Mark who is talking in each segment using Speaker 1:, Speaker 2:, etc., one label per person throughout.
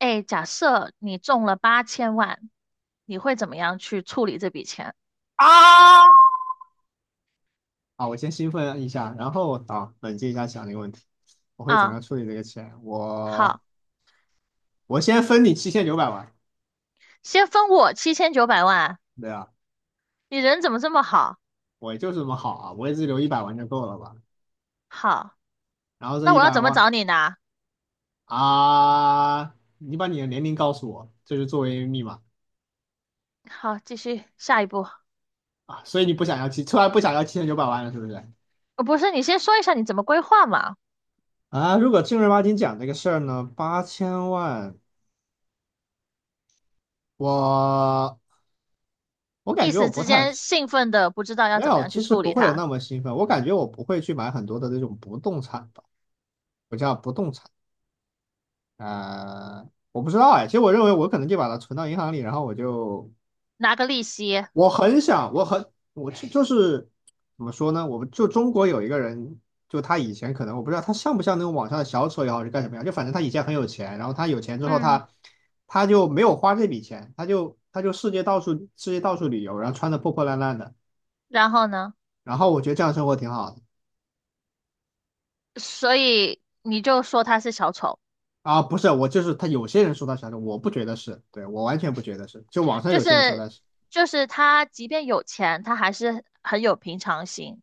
Speaker 1: 哎，假设你中了八千万，你会怎么样去处理这笔钱
Speaker 2: 啊！啊，我先兴奋一下，然后啊，冷静一下想这个问题。我会怎么
Speaker 1: 啊？
Speaker 2: 样处理这个钱？我
Speaker 1: 好，
Speaker 2: 我先分你七千九百万。
Speaker 1: 先分我七千九百万，
Speaker 2: 对啊，
Speaker 1: 你人怎么这么好？
Speaker 2: 我就是这么好啊，我也只留一百万就够了吧？
Speaker 1: 好，
Speaker 2: 然后这
Speaker 1: 那
Speaker 2: 一
Speaker 1: 我要
Speaker 2: 百
Speaker 1: 怎么找
Speaker 2: 万。
Speaker 1: 你呢？
Speaker 2: 啊，你把你的年龄告诉我，这是作为密码。
Speaker 1: 好，继续下一步。
Speaker 2: 啊，所以你不想要突然不想要七千九百万了，是不是？
Speaker 1: 不是，你先说一下你怎么规划嘛？
Speaker 2: 啊，如果正儿八经讲这个事儿呢，八千万。我我感
Speaker 1: 一
Speaker 2: 觉我
Speaker 1: 时
Speaker 2: 不
Speaker 1: 之
Speaker 2: 太。
Speaker 1: 间兴奋的不知道要
Speaker 2: 没
Speaker 1: 怎么
Speaker 2: 有，
Speaker 1: 样去
Speaker 2: 其实
Speaker 1: 处
Speaker 2: 不
Speaker 1: 理
Speaker 2: 会有
Speaker 1: 它，
Speaker 2: 那么兴奋。我感觉我不会去买很多的那种不动产吧，我叫不动产。我不知道哎。其实我认为我可能就把它存到银行里，然后我就。
Speaker 1: 拿个利息。
Speaker 2: 我很想，我很我就怎么说呢？我们就中国有一个人。就他以前可能我不知道他像不像那种网上的小丑也好是干什么样，就反正他以前很有钱，然后他有钱之后
Speaker 1: 嗯，
Speaker 2: 他就没有花这笔钱。他就世界到处旅游，然后穿的破破烂烂的。
Speaker 1: 然后呢？
Speaker 2: 然后我觉得这样生活挺好的。
Speaker 1: 所以你就说他是小丑。
Speaker 2: 啊，不是，我就是他。有些人说他是啥的，我不觉得是。对，我完全不觉得是。就网上
Speaker 1: 就
Speaker 2: 有些人说
Speaker 1: 是
Speaker 2: 他是。
Speaker 1: 就是他即便有钱，他还是很有平常心。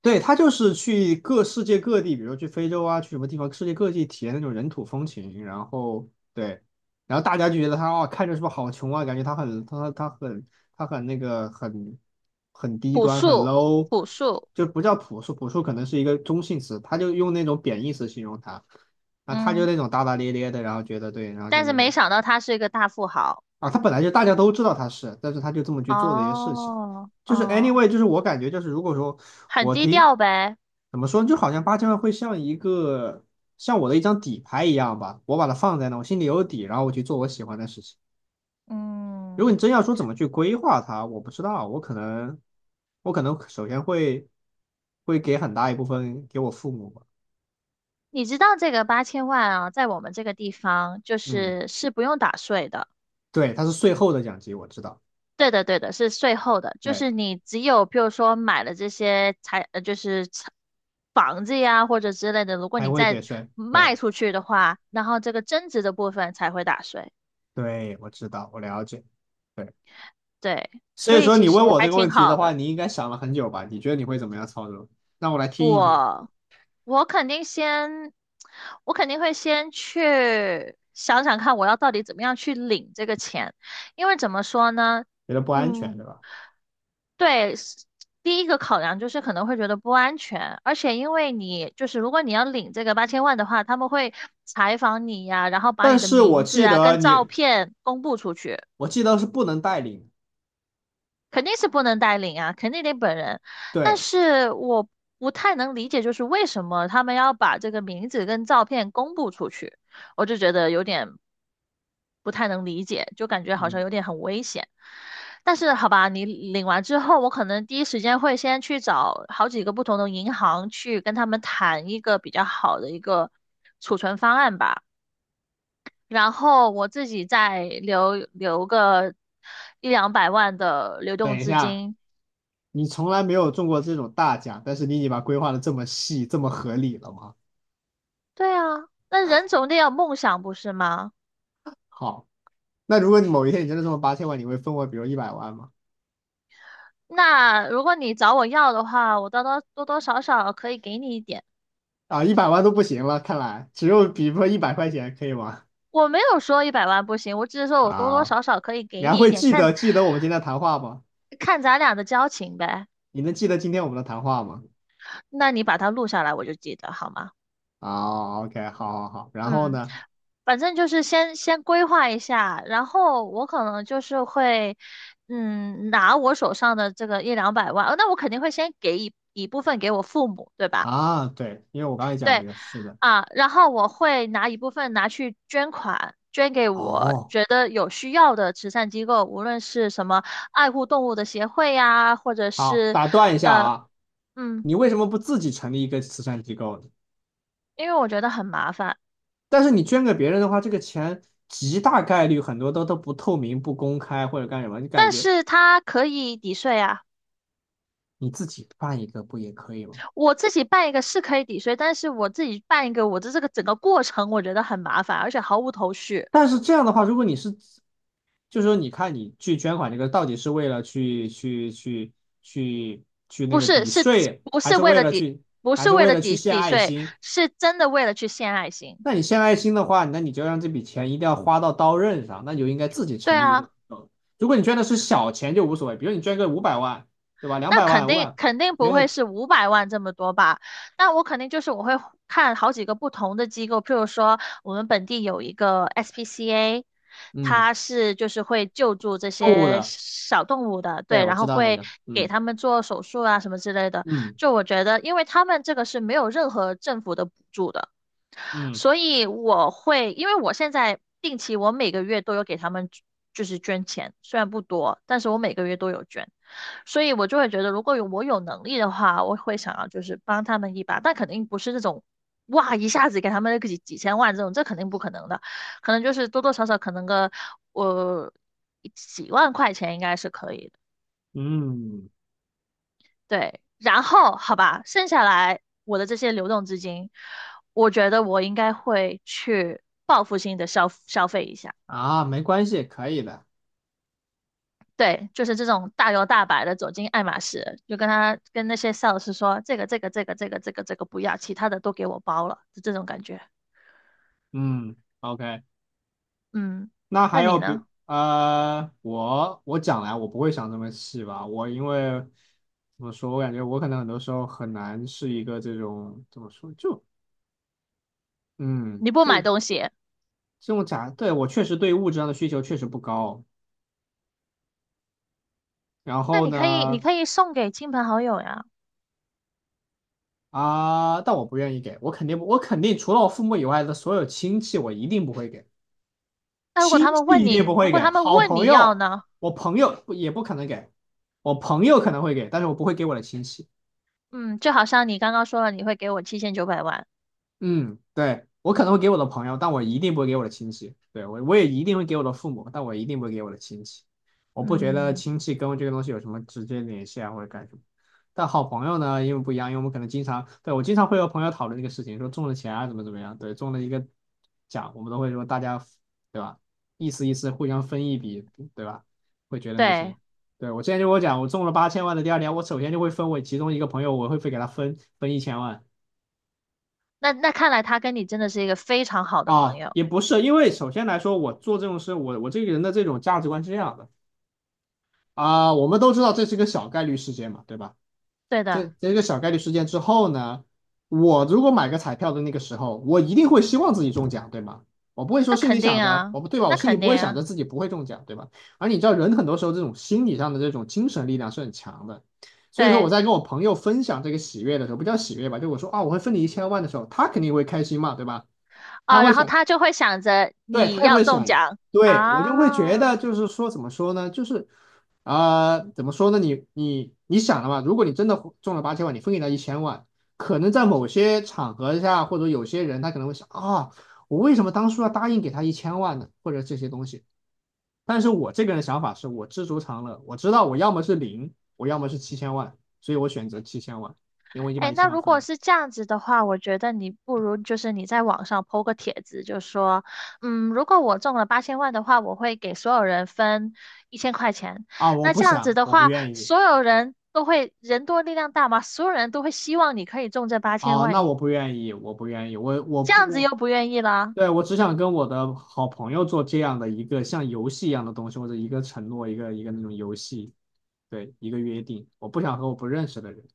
Speaker 2: 对，他就是去各世界各地，比如去非洲啊，去什么地方，世界各地体验那种人土风情，然后对，然后大家就觉得他哦，看着是不是好穷啊？感觉他很他他很他很那个很很低
Speaker 1: 朴
Speaker 2: 端，很
Speaker 1: 素，
Speaker 2: low。
Speaker 1: 朴素。
Speaker 2: 就不叫朴素，朴素可能是一个中性词，他就用那种贬义词形容他。啊，他就
Speaker 1: 嗯，
Speaker 2: 那种大大咧咧的，然后觉得对，然后就
Speaker 1: 但
Speaker 2: 那
Speaker 1: 是没
Speaker 2: 种。
Speaker 1: 想到他是一个大富豪。
Speaker 2: 啊，他本来就大家都知道他是，但是他就这么去做这些事情。
Speaker 1: 哦，
Speaker 2: 就是
Speaker 1: 哦，
Speaker 2: anyway，就是我感觉就是如果说
Speaker 1: 很
Speaker 2: 我
Speaker 1: 低
Speaker 2: 听。
Speaker 1: 调呗。
Speaker 2: 怎么说呢，就好像八千万会像一个像我的一张底牌一样吧，我把它放在那，我心里有底，然后我去做我喜欢的事情。如果你
Speaker 1: 嗯，
Speaker 2: 真要说怎么去规划它，我不知道。我可能首先会给很大一部分给我父母吧。
Speaker 1: 你知道这个八千万啊，在我们这个地方就
Speaker 2: 嗯，
Speaker 1: 是是不用打税的。
Speaker 2: 对，它是税后的奖金，我知道。
Speaker 1: 对的，对的，是税后的，就
Speaker 2: 对，
Speaker 1: 是你只有比如说买了这些财，呃，就是财房子呀或者之类的，如果
Speaker 2: 还
Speaker 1: 你
Speaker 2: 会给
Speaker 1: 再
Speaker 2: 税。对
Speaker 1: 卖出去的话，然后这个增值的部分才会打税。
Speaker 2: 对，我知道，我了解。对。
Speaker 1: 对，
Speaker 2: 所
Speaker 1: 所
Speaker 2: 以
Speaker 1: 以
Speaker 2: 说
Speaker 1: 其
Speaker 2: 你
Speaker 1: 实
Speaker 2: 问我这
Speaker 1: 还
Speaker 2: 个
Speaker 1: 挺
Speaker 2: 问题的
Speaker 1: 好
Speaker 2: 话，
Speaker 1: 的。
Speaker 2: 你应该想了很久吧？你觉得你会怎么样操作？让我来听一听。
Speaker 1: 我我肯定先，我肯定会先去想想看，我要到底怎么样去领这个钱，因为怎么说呢？
Speaker 2: 觉得不安全，对
Speaker 1: 嗯，
Speaker 2: 吧？
Speaker 1: 对，是第一个考量就是可能会觉得不安全，而且因为你就是如果你要领这个八千万的话，他们会采访你呀，然后把
Speaker 2: 但
Speaker 1: 你的
Speaker 2: 是我
Speaker 1: 名字
Speaker 2: 记
Speaker 1: 啊
Speaker 2: 得
Speaker 1: 跟照
Speaker 2: 你。
Speaker 1: 片公布出去。
Speaker 2: 我记得是不能带领。
Speaker 1: 肯定是不能代领啊，肯定得本人。但
Speaker 2: 对，
Speaker 1: 是我不太能理解，就是为什么他们要把这个名字跟照片公布出去，我就觉得有点不太能理解，就感觉好像
Speaker 2: 嗯，
Speaker 1: 有点很危险。但是好吧，你领完之后，我可能第一时间会先去找好几个不同的银行去跟他们谈一个比较好的一个储存方案吧，然后我自己再留个一两百万的流动
Speaker 2: 等一
Speaker 1: 资
Speaker 2: 下。
Speaker 1: 金。
Speaker 2: 你从来没有中过这种大奖，但是你已经把规划的这么细，这么合理了吗？
Speaker 1: 对啊，那人总得有梦想，不是吗？
Speaker 2: 好，那如果你某一天你真的中了八千万，你会分我比如一百万吗？
Speaker 1: 那如果你找我要的话，我多多少少可以给你一点。
Speaker 2: 啊，一百万都不行了，看来只有比如说100块钱可以吗？
Speaker 1: 我没有说100万不行，我只是说我多多
Speaker 2: 啊，
Speaker 1: 少少可以
Speaker 2: 你
Speaker 1: 给
Speaker 2: 还
Speaker 1: 你一
Speaker 2: 会
Speaker 1: 点，
Speaker 2: 记
Speaker 1: 看
Speaker 2: 得记得我们今天的谈话吗？
Speaker 1: 看咱俩的交情呗。
Speaker 2: 你能记得今天我们的谈话吗？
Speaker 1: 那你把它录下来，我就记得好吗？
Speaker 2: 哦，OK，好好好，然后
Speaker 1: 嗯，
Speaker 2: 呢？
Speaker 1: 反正就是先规划一下，然后我可能就是会，嗯，拿我手上的这个一两百万。那我肯定会先给一部分给我父母，对吧？
Speaker 2: 啊，对，因为我刚才讲这
Speaker 1: 对。
Speaker 2: 个，是的。
Speaker 1: 啊，然后我会拿一部分拿去捐款，捐给我
Speaker 2: 哦，
Speaker 1: 觉得有需要的慈善机构，无论是什么爱护动物的协会呀，或者
Speaker 2: 好，
Speaker 1: 是
Speaker 2: 打断一下
Speaker 1: 呃
Speaker 2: 啊。
Speaker 1: 嗯，
Speaker 2: 你为什么不自己成立一个慈善机构呢？
Speaker 1: 因为我觉得很麻烦，
Speaker 2: 但是你捐给别人的话，这个钱极大概率很多都不透明、不公开或者干什么，你感
Speaker 1: 但
Speaker 2: 觉。
Speaker 1: 是它可以抵税啊。
Speaker 2: 你自己办一个不也可以吗？
Speaker 1: 我自己办一个是可以抵税，但是我自己办一个，我的这个整个过程我觉得很麻烦，而且毫无头绪。
Speaker 2: 但是这样的话，如果你是，就是说你看你去捐款这个到底是为了去去那
Speaker 1: 不
Speaker 2: 个
Speaker 1: 是，
Speaker 2: 抵税，
Speaker 1: 不
Speaker 2: 还
Speaker 1: 是
Speaker 2: 是
Speaker 1: 为
Speaker 2: 为
Speaker 1: 了
Speaker 2: 了
Speaker 1: 抵，
Speaker 2: 去
Speaker 1: 不是为了抵
Speaker 2: 献
Speaker 1: 抵
Speaker 2: 爱
Speaker 1: 税，
Speaker 2: 心？
Speaker 1: 是真的为了去献爱心。
Speaker 2: 那你献爱心的话，那你就让这笔钱一定要花到刀刃上，那你就应该自己
Speaker 1: 对
Speaker 2: 成立一个机
Speaker 1: 啊。
Speaker 2: 构。如果你捐的是小钱就无所谓，比如你捐个500万，对吧？两
Speaker 1: 那
Speaker 2: 百
Speaker 1: 肯
Speaker 2: 万、五百。
Speaker 1: 定
Speaker 2: 我
Speaker 1: 肯定不
Speaker 2: 觉
Speaker 1: 会
Speaker 2: 得
Speaker 1: 是500万这么多吧？那我肯定就是我会看好几个不同的机构，譬如说我们本地有一个 SPCA，
Speaker 2: 嗯，
Speaker 1: 它是就是会救助这
Speaker 2: 动物
Speaker 1: 些
Speaker 2: 的，
Speaker 1: 小动物的，
Speaker 2: 对，
Speaker 1: 对，
Speaker 2: 我
Speaker 1: 然
Speaker 2: 知
Speaker 1: 后
Speaker 2: 道那
Speaker 1: 会
Speaker 2: 个。
Speaker 1: 给
Speaker 2: 嗯
Speaker 1: 他们做手术啊什么之类的。
Speaker 2: 嗯
Speaker 1: 就我觉得，因为他们这个是没有任何政府的补助的，
Speaker 2: 嗯
Speaker 1: 所以我会，因为我现在定期我每个月都有给他们就是捐钱，虽然不多，但是我每个月都有捐。所以我就会觉得，如果有我有能力的话，我会想要就是帮他们一把，但肯定不是那种哇一下子给他们个几千万这种，这肯定不可能的，可能就是多多少少可能个我、几万块钱应该是可以的。
Speaker 2: 嗯。
Speaker 1: 对。然后好吧，剩下来我的这些流动资金，我觉得我应该会去报复性的消费一下。
Speaker 2: 啊，没关系，可以的。
Speaker 1: 对，就是这种大摇大摆的走进爱马仕，就跟他跟那些 sales 说这个这个这个这个这个这个不要，其他的都给我包了，就这种感觉。
Speaker 2: 嗯，OK。
Speaker 1: 嗯，
Speaker 2: 那还
Speaker 1: 那
Speaker 2: 有
Speaker 1: 你
Speaker 2: 比
Speaker 1: 呢？
Speaker 2: 我讲来，我不会想这么细吧，我因为。怎么说？我感觉我可能很多时候很难是一个这种怎么说，就嗯，
Speaker 1: 你不买
Speaker 2: 这
Speaker 1: 东西，
Speaker 2: 这种卡。对，我确实对物质上的需求确实不高。然
Speaker 1: 那
Speaker 2: 后
Speaker 1: 你可以你
Speaker 2: 呢。
Speaker 1: 可以送给亲朋好友呀。
Speaker 2: 啊，但我不愿意给，我肯定不我肯定除了我父母以外的所有亲戚，我一定不会给。
Speaker 1: 那如果
Speaker 2: 亲
Speaker 1: 他
Speaker 2: 戚
Speaker 1: 们问
Speaker 2: 一定
Speaker 1: 你，
Speaker 2: 不
Speaker 1: 如
Speaker 2: 会
Speaker 1: 果
Speaker 2: 给，
Speaker 1: 他们
Speaker 2: 好
Speaker 1: 问
Speaker 2: 朋
Speaker 1: 你要
Speaker 2: 友。
Speaker 1: 呢？
Speaker 2: 我朋友不也不可能给。我朋友可能会给，但是我不会给我的亲戚。
Speaker 1: 嗯，就好像你刚刚说了，你会给我七千九百万。
Speaker 2: 嗯，对，我可能会给我的朋友，但我一定不会给我的亲戚。对，我也一定会给我的父母，但我一定不会给我的亲戚。我不觉得
Speaker 1: 嗯，
Speaker 2: 亲戚跟这个东西有什么直接联系啊，或者干什么。但好朋友呢，因为不一样，因为我们可能经常，对，我经常会和朋友讨论这个事情，说中了钱啊，怎么怎么样，对，中了一个奖，我们都会说大家，对吧？意思意思，互相分一笔，对吧？会觉得那些。
Speaker 1: 对，
Speaker 2: 对，我之前就跟我讲，我中了八千万的第二年，我首先就会分我其中一个朋友，我会给他分一千万。
Speaker 1: 那看来他跟你真的是一个非常好的朋
Speaker 2: 啊，
Speaker 1: 友。
Speaker 2: 也不是，因为首先来说，我做这种事，我这个人的这种价值观是这样的。啊，我们都知道这是一个小概率事件嘛，对吧？
Speaker 1: 对
Speaker 2: 这
Speaker 1: 的，
Speaker 2: 这个小概率事件之后呢，我如果买个彩票的那个时候，我一定会希望自己中奖，对吗？我不会说
Speaker 1: 那
Speaker 2: 心里
Speaker 1: 肯定
Speaker 2: 想着，
Speaker 1: 啊，
Speaker 2: 我不对吧？我
Speaker 1: 那
Speaker 2: 心里
Speaker 1: 肯
Speaker 2: 不
Speaker 1: 定
Speaker 2: 会想
Speaker 1: 啊，
Speaker 2: 着自己不会中奖，对吧？而你知道，人很多时候这种心理上的这种精神力量是很强的。所以说我
Speaker 1: 对。
Speaker 2: 在跟我朋友分享这个喜悦的时候，不叫喜悦吧，就我说啊，我会分你一千万的时候，他肯定会开心嘛，对吧？他
Speaker 1: 啊，
Speaker 2: 会
Speaker 1: 然后
Speaker 2: 想。
Speaker 1: 他就会想着
Speaker 2: 对，
Speaker 1: 你
Speaker 2: 他也
Speaker 1: 要
Speaker 2: 会
Speaker 1: 中
Speaker 2: 想。
Speaker 1: 奖
Speaker 2: 对，我就会觉得
Speaker 1: 啊。
Speaker 2: 就是说怎么说呢，就是。啊、怎么说呢？你想了嘛？如果你真的中了八千万，你分给他一千万，可能在某些场合下，或者有些人他可能会想啊、我为什么当初要答应给他一千万呢？或者这些东西。但是我这个人的想法是我知足常乐，我知道我要么是零，我要么是七千万，所以我选择七千万，因为我已经把
Speaker 1: 哎，
Speaker 2: 一
Speaker 1: 那
Speaker 2: 千万
Speaker 1: 如
Speaker 2: 分给
Speaker 1: 果
Speaker 2: 你。
Speaker 1: 是这样子的话，我觉得你不如就是你在网上 po 个帖子，就说，嗯，如果我中了八千万的话，我会给所有人分1000块钱。
Speaker 2: 啊，我
Speaker 1: 那
Speaker 2: 不
Speaker 1: 这样子
Speaker 2: 想，
Speaker 1: 的
Speaker 2: 我不
Speaker 1: 话，
Speaker 2: 愿意。
Speaker 1: 所有人都会人多力量大嘛，所有人都会希望你可以中这八千
Speaker 2: 啊，
Speaker 1: 万，
Speaker 2: 那
Speaker 1: 你
Speaker 2: 我不愿意，我不愿意，我我
Speaker 1: 这
Speaker 2: 不
Speaker 1: 样子又
Speaker 2: 我
Speaker 1: 不愿意了。
Speaker 2: 对。我只想跟我的好朋友做这样的一个像游戏一样的东西，或者一个承诺，一个那种游戏。对，一个约定。我不想和我不认识的人。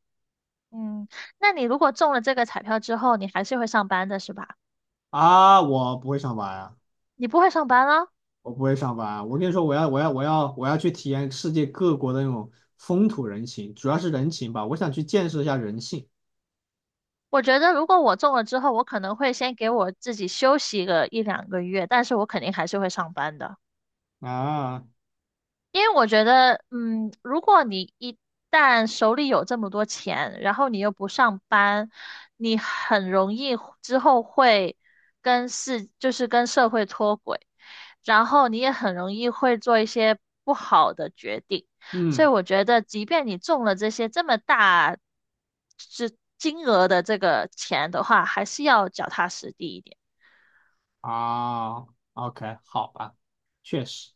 Speaker 1: 嗯，那你如果中了这个彩票之后，你还是会上班的是吧？
Speaker 2: 啊，我不会上班啊。
Speaker 1: 你不会上班了？
Speaker 2: 我不会上班啊。我跟你说，我要去体验世界各国的那种风土人情，主要是人情吧。我想去见识一下人性。
Speaker 1: 我觉得如果我中了之后，我可能会先给我自己休息个一两个月，但是我肯定还是会上班的。
Speaker 2: 啊，
Speaker 1: 因为我觉得，嗯，如果你一旦手里有这么多钱，然后你又不上班，你很容易之后会就是跟社会脱轨，然后你也很容易会做一些不好的决定。所以
Speaker 2: 嗯。
Speaker 1: 我觉得，即便你中了这些这么大是金额的这个钱的话，还是要脚踏实地一点。
Speaker 2: 啊，OK，好吧，确实。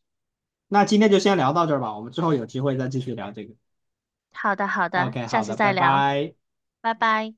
Speaker 2: 那今天就先聊到这儿吧，我们之后有机会再继续聊这个。
Speaker 1: 好的，好的，
Speaker 2: OK，
Speaker 1: 下
Speaker 2: 好的，
Speaker 1: 次
Speaker 2: 拜
Speaker 1: 再聊，
Speaker 2: 拜。
Speaker 1: 拜拜。